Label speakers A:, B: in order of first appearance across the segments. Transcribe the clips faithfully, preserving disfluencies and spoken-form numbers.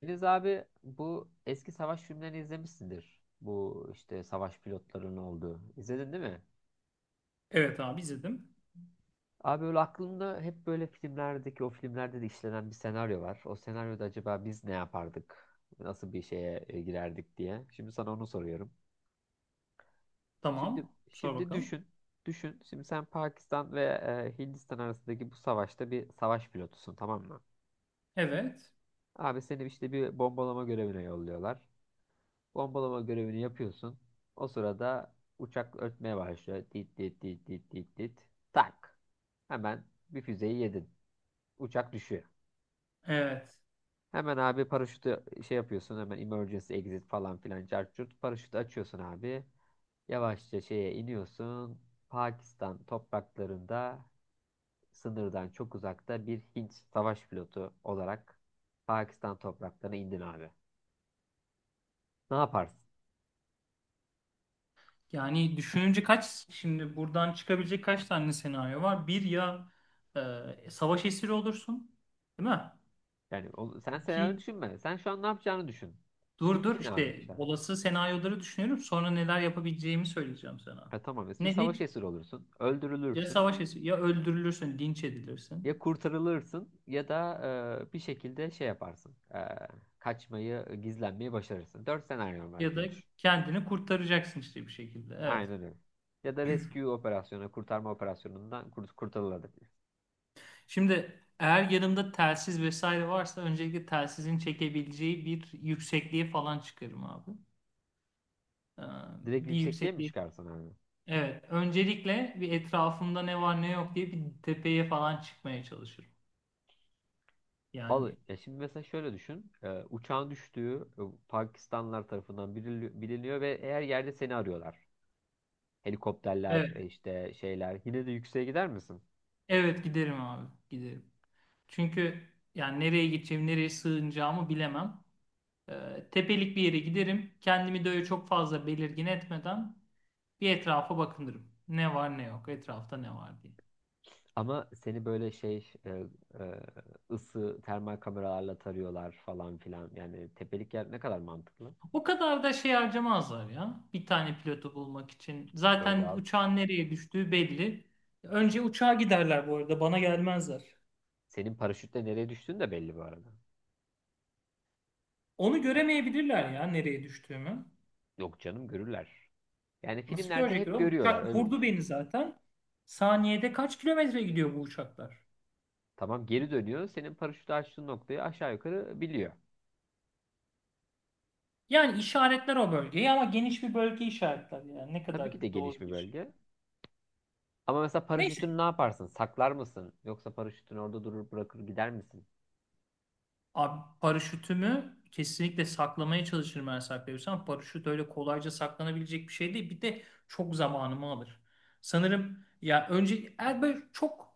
A: Filiz abi, bu eski savaş filmlerini izlemişsindir. Bu işte savaş pilotlarının olduğu. İzledin değil mi?
B: Evet abi izledim.
A: Abi öyle aklımda hep böyle filmlerdeki o filmlerde de işlenen bir senaryo var. O senaryoda acaba biz ne yapardık? Nasıl bir şeye e, girerdik diye. Şimdi sana onu soruyorum. Şimdi
B: Tamam. Sor
A: şimdi
B: bakalım.
A: düşün. Düşün. Şimdi sen Pakistan ve e, Hindistan arasındaki bu savaşta bir savaş pilotusun, tamam mı?
B: Evet.
A: Abi seni işte bir bombalama görevine yolluyorlar. Bombalama görevini yapıyorsun. O sırada uçak ötmeye başlıyor. Dit dit dit dit dit dit. Tak. Hemen bir füzeyi yedin. Uçak düşüyor.
B: Evet.
A: Hemen abi paraşütü şey yapıyorsun. Hemen emergency exit falan filan cart curt. Paraşütü açıyorsun abi. Yavaşça şeye iniyorsun. Pakistan topraklarında, sınırdan çok uzakta, bir Hint savaş pilotu olarak Pakistan topraklarına indin abi. Ne yaparsın?
B: Yani düşününce kaç şimdi buradan çıkabilecek kaç tane senaryo var? Bir, ya e, savaş esiri olursun. Değil mi?
A: Yani o- sen senaryo
B: İki,
A: düşünme. Sen şu an ne yapacağını düşün.
B: dur dur,
A: İndin abi
B: işte
A: aşağı.
B: olası senaryoları düşünüyorum. Sonra neler yapabileceğimi söyleyeceğim sana.
A: Ha, tamam, bir
B: Ne ne
A: savaş esiri olursun.
B: ya
A: Öldürülürsün.
B: savaş esiri ya öldürülürsün, linç
A: Ya
B: edilirsin
A: kurtarılırsın ya da e, bir şekilde şey yaparsın. E, kaçmayı, gizlenmeyi başarırsın. Dört senaryo var
B: ya da
A: gibi düşün.
B: kendini kurtaracaksın işte bir şekilde. Evet.
A: Aynen öyle. Ya da rescue operasyonu, kurtarma operasyonundan kurt kurtarılabilir.
B: Şimdi eğer yanımda telsiz vesaire varsa öncelikle telsizin çekebileceği bir yüksekliğe falan çıkarım abi. Ee,
A: Direkt
B: bir
A: yüksekliğe mi
B: yüksekliğe.
A: çıkarsın abi?
B: Evet. Öncelikle bir etrafımda ne var ne yok diye bir tepeye falan çıkmaya çalışırım.
A: Al,
B: Yani
A: ya şimdi mesela şöyle düşün. E, uçağın düştüğü e, Pakistanlılar tarafından bilini- biliniyor ve eğer yerde seni arıyorlar. Helikopterler
B: evet.
A: e, işte şeyler. Yine de yükseğe gider misin?
B: Evet giderim abi. Giderim. Çünkü yani nereye gideceğim, nereye sığınacağımı bilemem. Ee, tepelik bir yere giderim. Kendimi de öyle çok fazla belirgin etmeden bir etrafa bakınırım. Ne var ne yok, etrafta ne var diye.
A: Ama seni böyle şey e, e, ısı termal kameralarla tarıyorlar falan filan. Yani tepelik yer ne kadar mantıklı?
B: O kadar da şey harcamazlar ya. Bir tane pilotu bulmak için.
A: Öyle
B: Zaten
A: abi.
B: uçağın nereye düştüğü belli. Önce uçağa giderler bu arada. Bana gelmezler.
A: Senin paraşütle nereye düştüğün de belli bu arada.
B: Onu göremeyebilirler ya nereye düştüğümü.
A: Yok canım, görürler. Yani
B: Nasıl
A: filmlerde
B: görecekler
A: hep
B: oğlum?
A: görüyorlar,
B: Uçak
A: öyle
B: vurdu
A: düşün.
B: beni zaten. Saniyede kaç kilometre gidiyor bu uçaklar?
A: Tamam, geri dönüyor, senin paraşütü açtığın noktayı aşağı yukarı biliyor.
B: Yani işaretler o bölgeyi ama geniş bir bölge işaretler yani. Ne
A: Tabii
B: kadar
A: ki de geniş
B: doğru
A: bir
B: bir şey.
A: bölge. Ama mesela
B: Neyse.
A: paraşütünü ne yaparsın? Saklar mısın? Yoksa paraşütün orada durur, bırakır gider misin?
B: Abi paraşütümü kesinlikle saklamaya çalışırım eğer saklayabilirsem. Paraşüt öyle kolayca saklanabilecek bir şey değil. Bir de çok zamanımı alır. Sanırım ya önce eğer böyle çok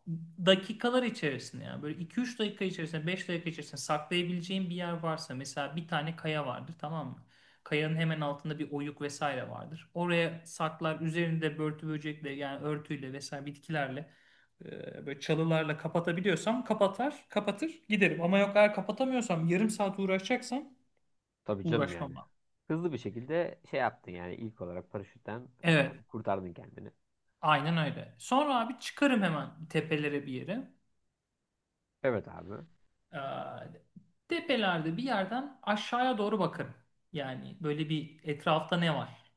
B: dakikalar içerisinde, yani böyle iki üç dakika içerisinde, beş dakika içerisinde saklayabileceğim bir yer varsa, mesela bir tane kaya vardır, tamam mı? Kayanın hemen altında bir oyuk vesaire vardır. Oraya saklar, üzerinde börtü böcekle yani örtüyle vesaire bitkilerle, e, böyle çalılarla kapatabiliyorsam kapatar, kapatır giderim. Ama yok, eğer kapatamıyorsam yarım saat uğraşacaksam
A: Tabii canım yani.
B: uğraşmam abi.
A: Hızlı bir şekilde şey yaptın yani, ilk olarak paraşütten e,
B: Evet,
A: kurtardın kendini.
B: aynen öyle. Sonra abi çıkarım hemen tepelere bir yere.
A: Evet abi.
B: Ee, tepelerde bir yerden aşağıya doğru bakarım. Yani böyle, bir etrafta ne var?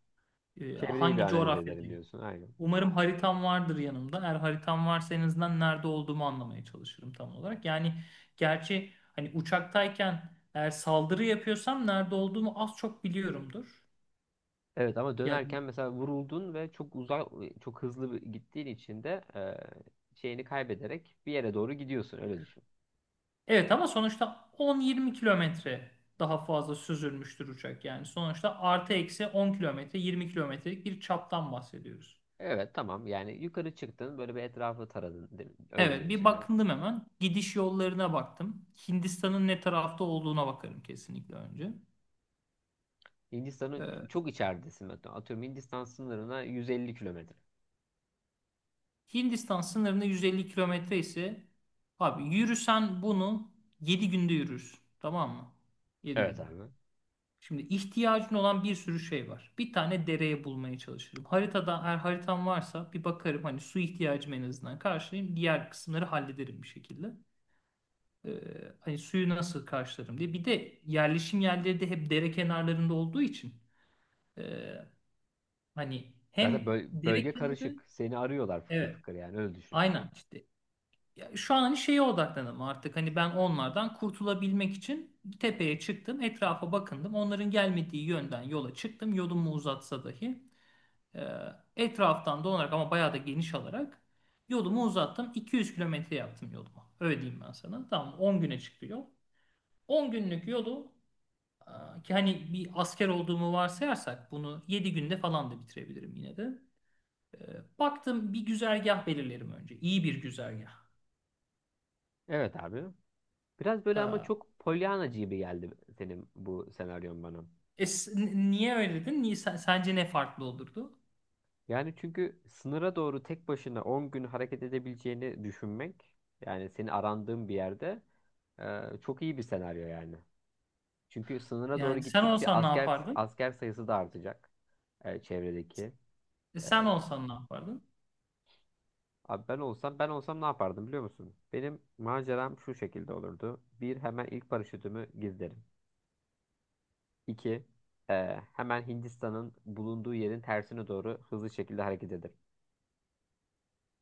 B: Ee,
A: Çevreyi bir
B: hangi
A: analiz edelim
B: coğrafyadayım?
A: diyorsun. Aynen.
B: Umarım haritam vardır yanımda. Eğer haritam varsa en azından nerede olduğumu anlamaya çalışırım tam olarak. Yani gerçi hani uçaktayken eğer saldırı yapıyorsam nerede olduğumu az çok biliyorumdur.
A: Evet, ama
B: Yani
A: dönerken mesela vuruldun ve çok uzak, çok hızlı bir- gittiğin için de e, şeyini kaybederek bir yere doğru gidiyorsun. Öyle düşün.
B: evet, ama sonuçta on yirmi kilometre daha fazla süzülmüştür uçak. Yani sonuçta artı eksi on kilometre, yirmi kilometrelik bir çaptan bahsediyoruz.
A: Evet tamam, yani yukarı çıktın, böyle bir etrafı taradın, değil mi? Öyle
B: Evet, bir
A: diyorsun yani.
B: bakındım hemen. Gidiş yollarına baktım. Hindistan'ın ne tarafta olduğuna bakarım kesinlikle önce.
A: Hindistan'ın
B: Ee,
A: çok içeridesin, hatta. Atıyorum, Hindistan sınırına yüz elli kilometre.
B: Hindistan sınırında yüz elli kilometre ise abi, yürüsen bunu yedi günde yürürsün. Tamam mı? Yedi
A: Evet
B: günde.
A: abi.
B: Şimdi ihtiyacın olan bir sürü şey var. Bir tane dereye bulmaya çalışırım. Haritada, eğer haritam varsa bir bakarım hani, su ihtiyacımı en azından karşılayayım. Diğer kısımları hallederim bir şekilde. Ee, hani suyu nasıl karşılarım diye. Bir de yerleşim yerleri de hep dere kenarlarında olduğu için e, hani
A: Zaten
B: hem
A: böl-
B: dere
A: bölge
B: kenarı,
A: karışık. Seni arıyorlar fıkır
B: evet,
A: fıkır, yani öyle düşün.
B: aynen işte. Ya şu an hani şeye odaklandım artık, hani ben onlardan kurtulabilmek için tepeye çıktım, etrafa bakındım, onların gelmediği yönden yola çıktım, yolumu uzatsa dahi e, etraftan dolanarak ama bayağı da geniş alarak yolumu uzattım, iki yüz kilometre yaptım yolumu, öyle diyeyim ben sana. Tamam, on güne çıktı yol, on günlük yolu, e, ki hani bir asker olduğumu varsayarsak bunu yedi günde falan da bitirebilirim yine de. E, Baktım, bir güzergah belirlerim önce, iyi bir güzergah.
A: Evet abi. Biraz böyle
B: E,
A: ama çok polyanacı gibi geldi senin bu senaryon bana.
B: E, s- n- niye öyle dedin? Niye, sen- sence ne farklı olurdu?
A: Yani çünkü sınıra doğru tek başına on gün hareket edebileceğini düşünmek, yani seni arandığın bir yerde, e, çok iyi bir senaryo yani. Çünkü sınıra doğru
B: Yani sen
A: gittikçe
B: olsan ne
A: asker
B: yapardın?
A: asker sayısı da artacak e, çevredeki.
B: E,
A: E,
B: sen olsan ne yapardın?
A: Abi ben olsam, ben olsam ne yapardım biliyor musun? Benim maceram şu şekilde olurdu. Bir, hemen ilk paraşütümü gizlerim. İki, Ee, hemen Hindistan'ın bulunduğu yerin tersine doğru hızlı şekilde hareket ederim.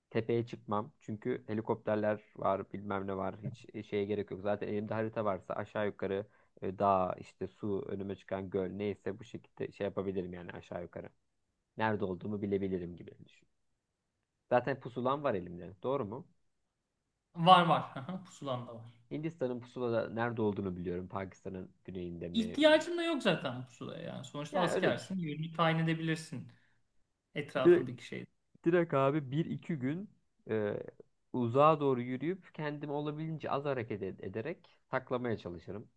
A: Tepeye çıkmam çünkü helikopterler var, bilmem ne var. Hiç e, şeye gerek yok. Zaten elimde harita varsa aşağı yukarı e, dağ, işte su, önüme çıkan göl, neyse bu şekilde şey yapabilirim yani aşağı yukarı. Nerede olduğumu bilebilirim gibi düşün. Zaten pusulam var elimde. Doğru mu?
B: Var var. Aha, pusulan da var.
A: Hindistan'ın pusulada nerede olduğunu biliyorum. Pakistan'ın güneyinde mi?
B: İhtiyacın da yok zaten bu pusulaya yani. Sonuçta
A: Yani öyle düşün.
B: askersin. Yönünü tayin edebilirsin
A: Bir
B: etrafındaki şeyi.
A: Direkt abi bir iki gün e, uzağa doğru yürüyüp kendimi olabildiğince az hareket ed- ederek saklamaya çalışırım.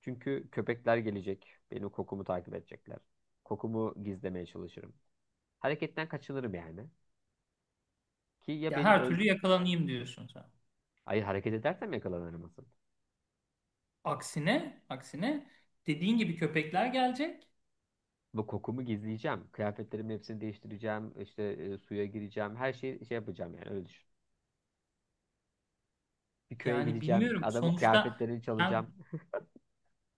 A: Çünkü köpekler gelecek. Benim kokumu takip edecekler. Kokumu gizlemeye çalışırım. Hareketten kaçınırım yani. Ki ya
B: Ya
A: benim
B: her
A: öl...
B: türlü yakalanayım diyorsun sen.
A: Ay, hareket edersem yakalanırım asıl.
B: Aksine, aksine dediğin gibi köpekler gelecek.
A: Bu kokumu gizleyeceğim. Kıyafetlerimin hepsini değiştireceğim. İşte e, suya gireceğim. Her şeyi şey yapacağım yani, öyle düşün. Bir köye
B: Yani
A: gideceğim.
B: bilmiyorum.
A: Adamın
B: Sonuçta
A: kıyafetlerini
B: sen,
A: çalacağım.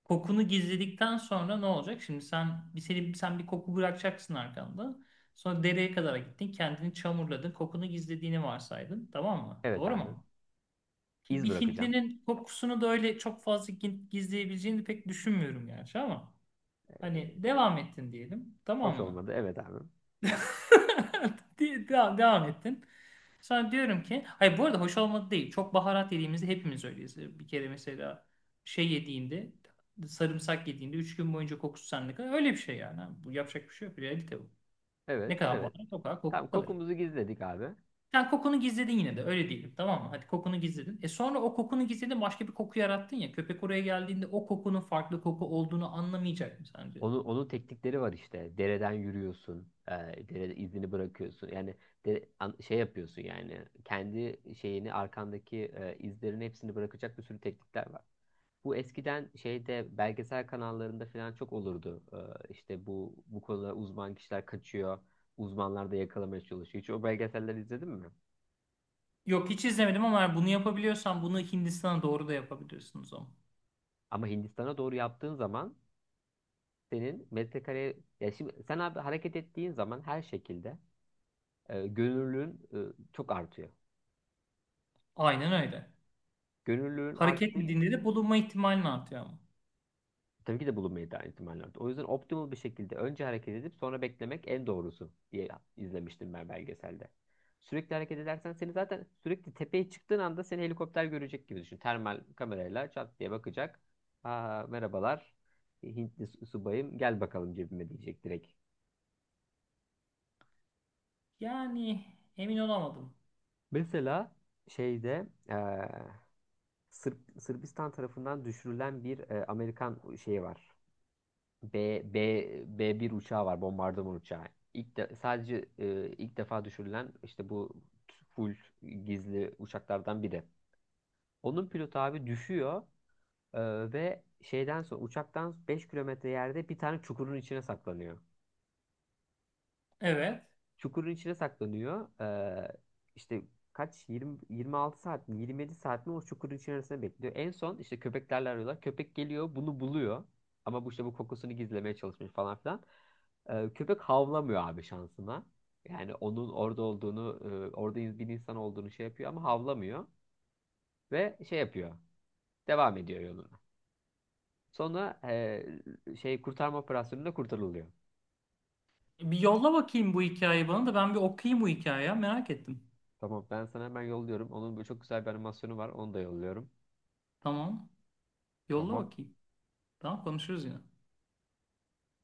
B: kokunu gizledikten sonra ne olacak? Şimdi sen bir seni, sen bir koku bırakacaksın arkanda. Sonra dereye kadar gittin, kendini çamurladın, kokunu gizlediğini varsaydın, tamam mı?
A: Evet
B: Doğru
A: abi.
B: mu? Ki
A: İz
B: bir
A: bırakacağım.
B: Hintlinin kokusunu da öyle çok fazla gi- gizleyebileceğini pek düşünmüyorum gerçi, ama hani devam ettin diyelim,
A: Hoş
B: tamam mı?
A: olmadı. Evet abi.
B: De- Devam, devam ettin. Sonra diyorum ki, hayır, bu arada hoş olmadı değil. Çok baharat yediğimizde hepimiz öyleyiz. Bir kere mesela şey yediğinde, sarımsak yediğinde üç gün boyunca kokusu sende kalır. Öyle bir şey yani. Bu, yapacak bir şey yok. Realite bu. Ne
A: Evet,
B: kadar
A: evet.
B: baharat, o kadar koku
A: Tamam,
B: kalır.
A: kokumuzu gizledik abi.
B: Sen kokunu gizledin yine de, öyle diyelim, tamam mı? Hadi kokunu gizledin. E sonra, o kokunu gizledin, başka bir koku yarattın ya. Köpek oraya geldiğinde o kokunun farklı koku olduğunu anlamayacak mı sence?
A: Onun, onun teknikleri var işte. Dereden yürüyorsun. E, derede izini bırakıyorsun. Yani de, an- şey yapıyorsun yani. Kendi şeyini, arkandaki e, izlerin hepsini bırakacak bir sürü teknikler var. Bu eskiden şeyde belgesel kanallarında falan çok olurdu. E, işte bu bu konuda uzman kişiler kaçıyor. Uzmanlar da yakalamaya çalışıyor. Hiç o belgeseller izledin mi?
B: Yok, hiç izlemedim, ama eğer bunu yapabiliyorsan bunu Hindistan'a doğru da yapabiliyorsunuz ama.
A: Ama Hindistan'a doğru yaptığın zaman senin metrekare ya, şimdi sen abi hareket ettiğin zaman her şekilde e, gönüllülüğün e, çok artıyor.
B: Aynen öyle.
A: Gönüllülüğün
B: Hareket
A: arttığı
B: mi
A: için
B: dinleri bulunma ihtimalini artıyor ama.
A: tabii ki de bulunmayı da ihtimaller artıyor. O yüzden optimal bir şekilde önce hareket edip sonra beklemek en doğrusu diye izlemiştim ben belgeselde. Sürekli hareket edersen seni zaten, sürekli tepeye çıktığın anda seni helikopter görecek gibi düşün. Termal kamerayla çat diye bakacak. Aa, merhabalar Hintli su- subayım, gel bakalım cebime diyecek direkt.
B: Yani emin olamadım.
A: Mesela şeyde eee, Sırp- Sırbistan tarafından düşürülen bir e, Amerikan şeyi var. B B b bir uçağı var, bombardıman uçağı. İlk de, sadece e, ilk defa düşürülen işte bu full gizli uçaklardan biri. Onun pilotu abi düşüyor e, ve şeyden sonra uçaktan beş kilometre yerde bir tane çukurun içine saklanıyor.
B: Evet.
A: Çukurun içine saklanıyor. Ee, işte kaç, yirmi yirmi altı saat mi, yirmi yedi saat mi o çukurun içerisinde bekliyor. En son işte köpeklerle arıyorlar. Köpek geliyor, bunu buluyor. Ama bu işte bu kokusunu gizlemeye çalışmış falan filan. Ee, köpek havlamıyor abi şansına. Yani onun orada olduğunu, e, orada in- bir insan olduğunu şey yapıyor ama havlamıyor ve şey yapıyor. Devam ediyor yoluna. Sonra e, şey, kurtarma operasyonunda kurtarılıyor.
B: Bir yolla bakayım bu hikayeyi, bana da, ben bir okuyayım bu hikayeyi ya. Merak ettim.
A: Tamam, ben sana hemen yolluyorum. Onun böyle çok güzel bir animasyonu var. Onu da yolluyorum.
B: Tamam. Yolla
A: Tamam.
B: bakayım. Tamam, konuşuruz yine.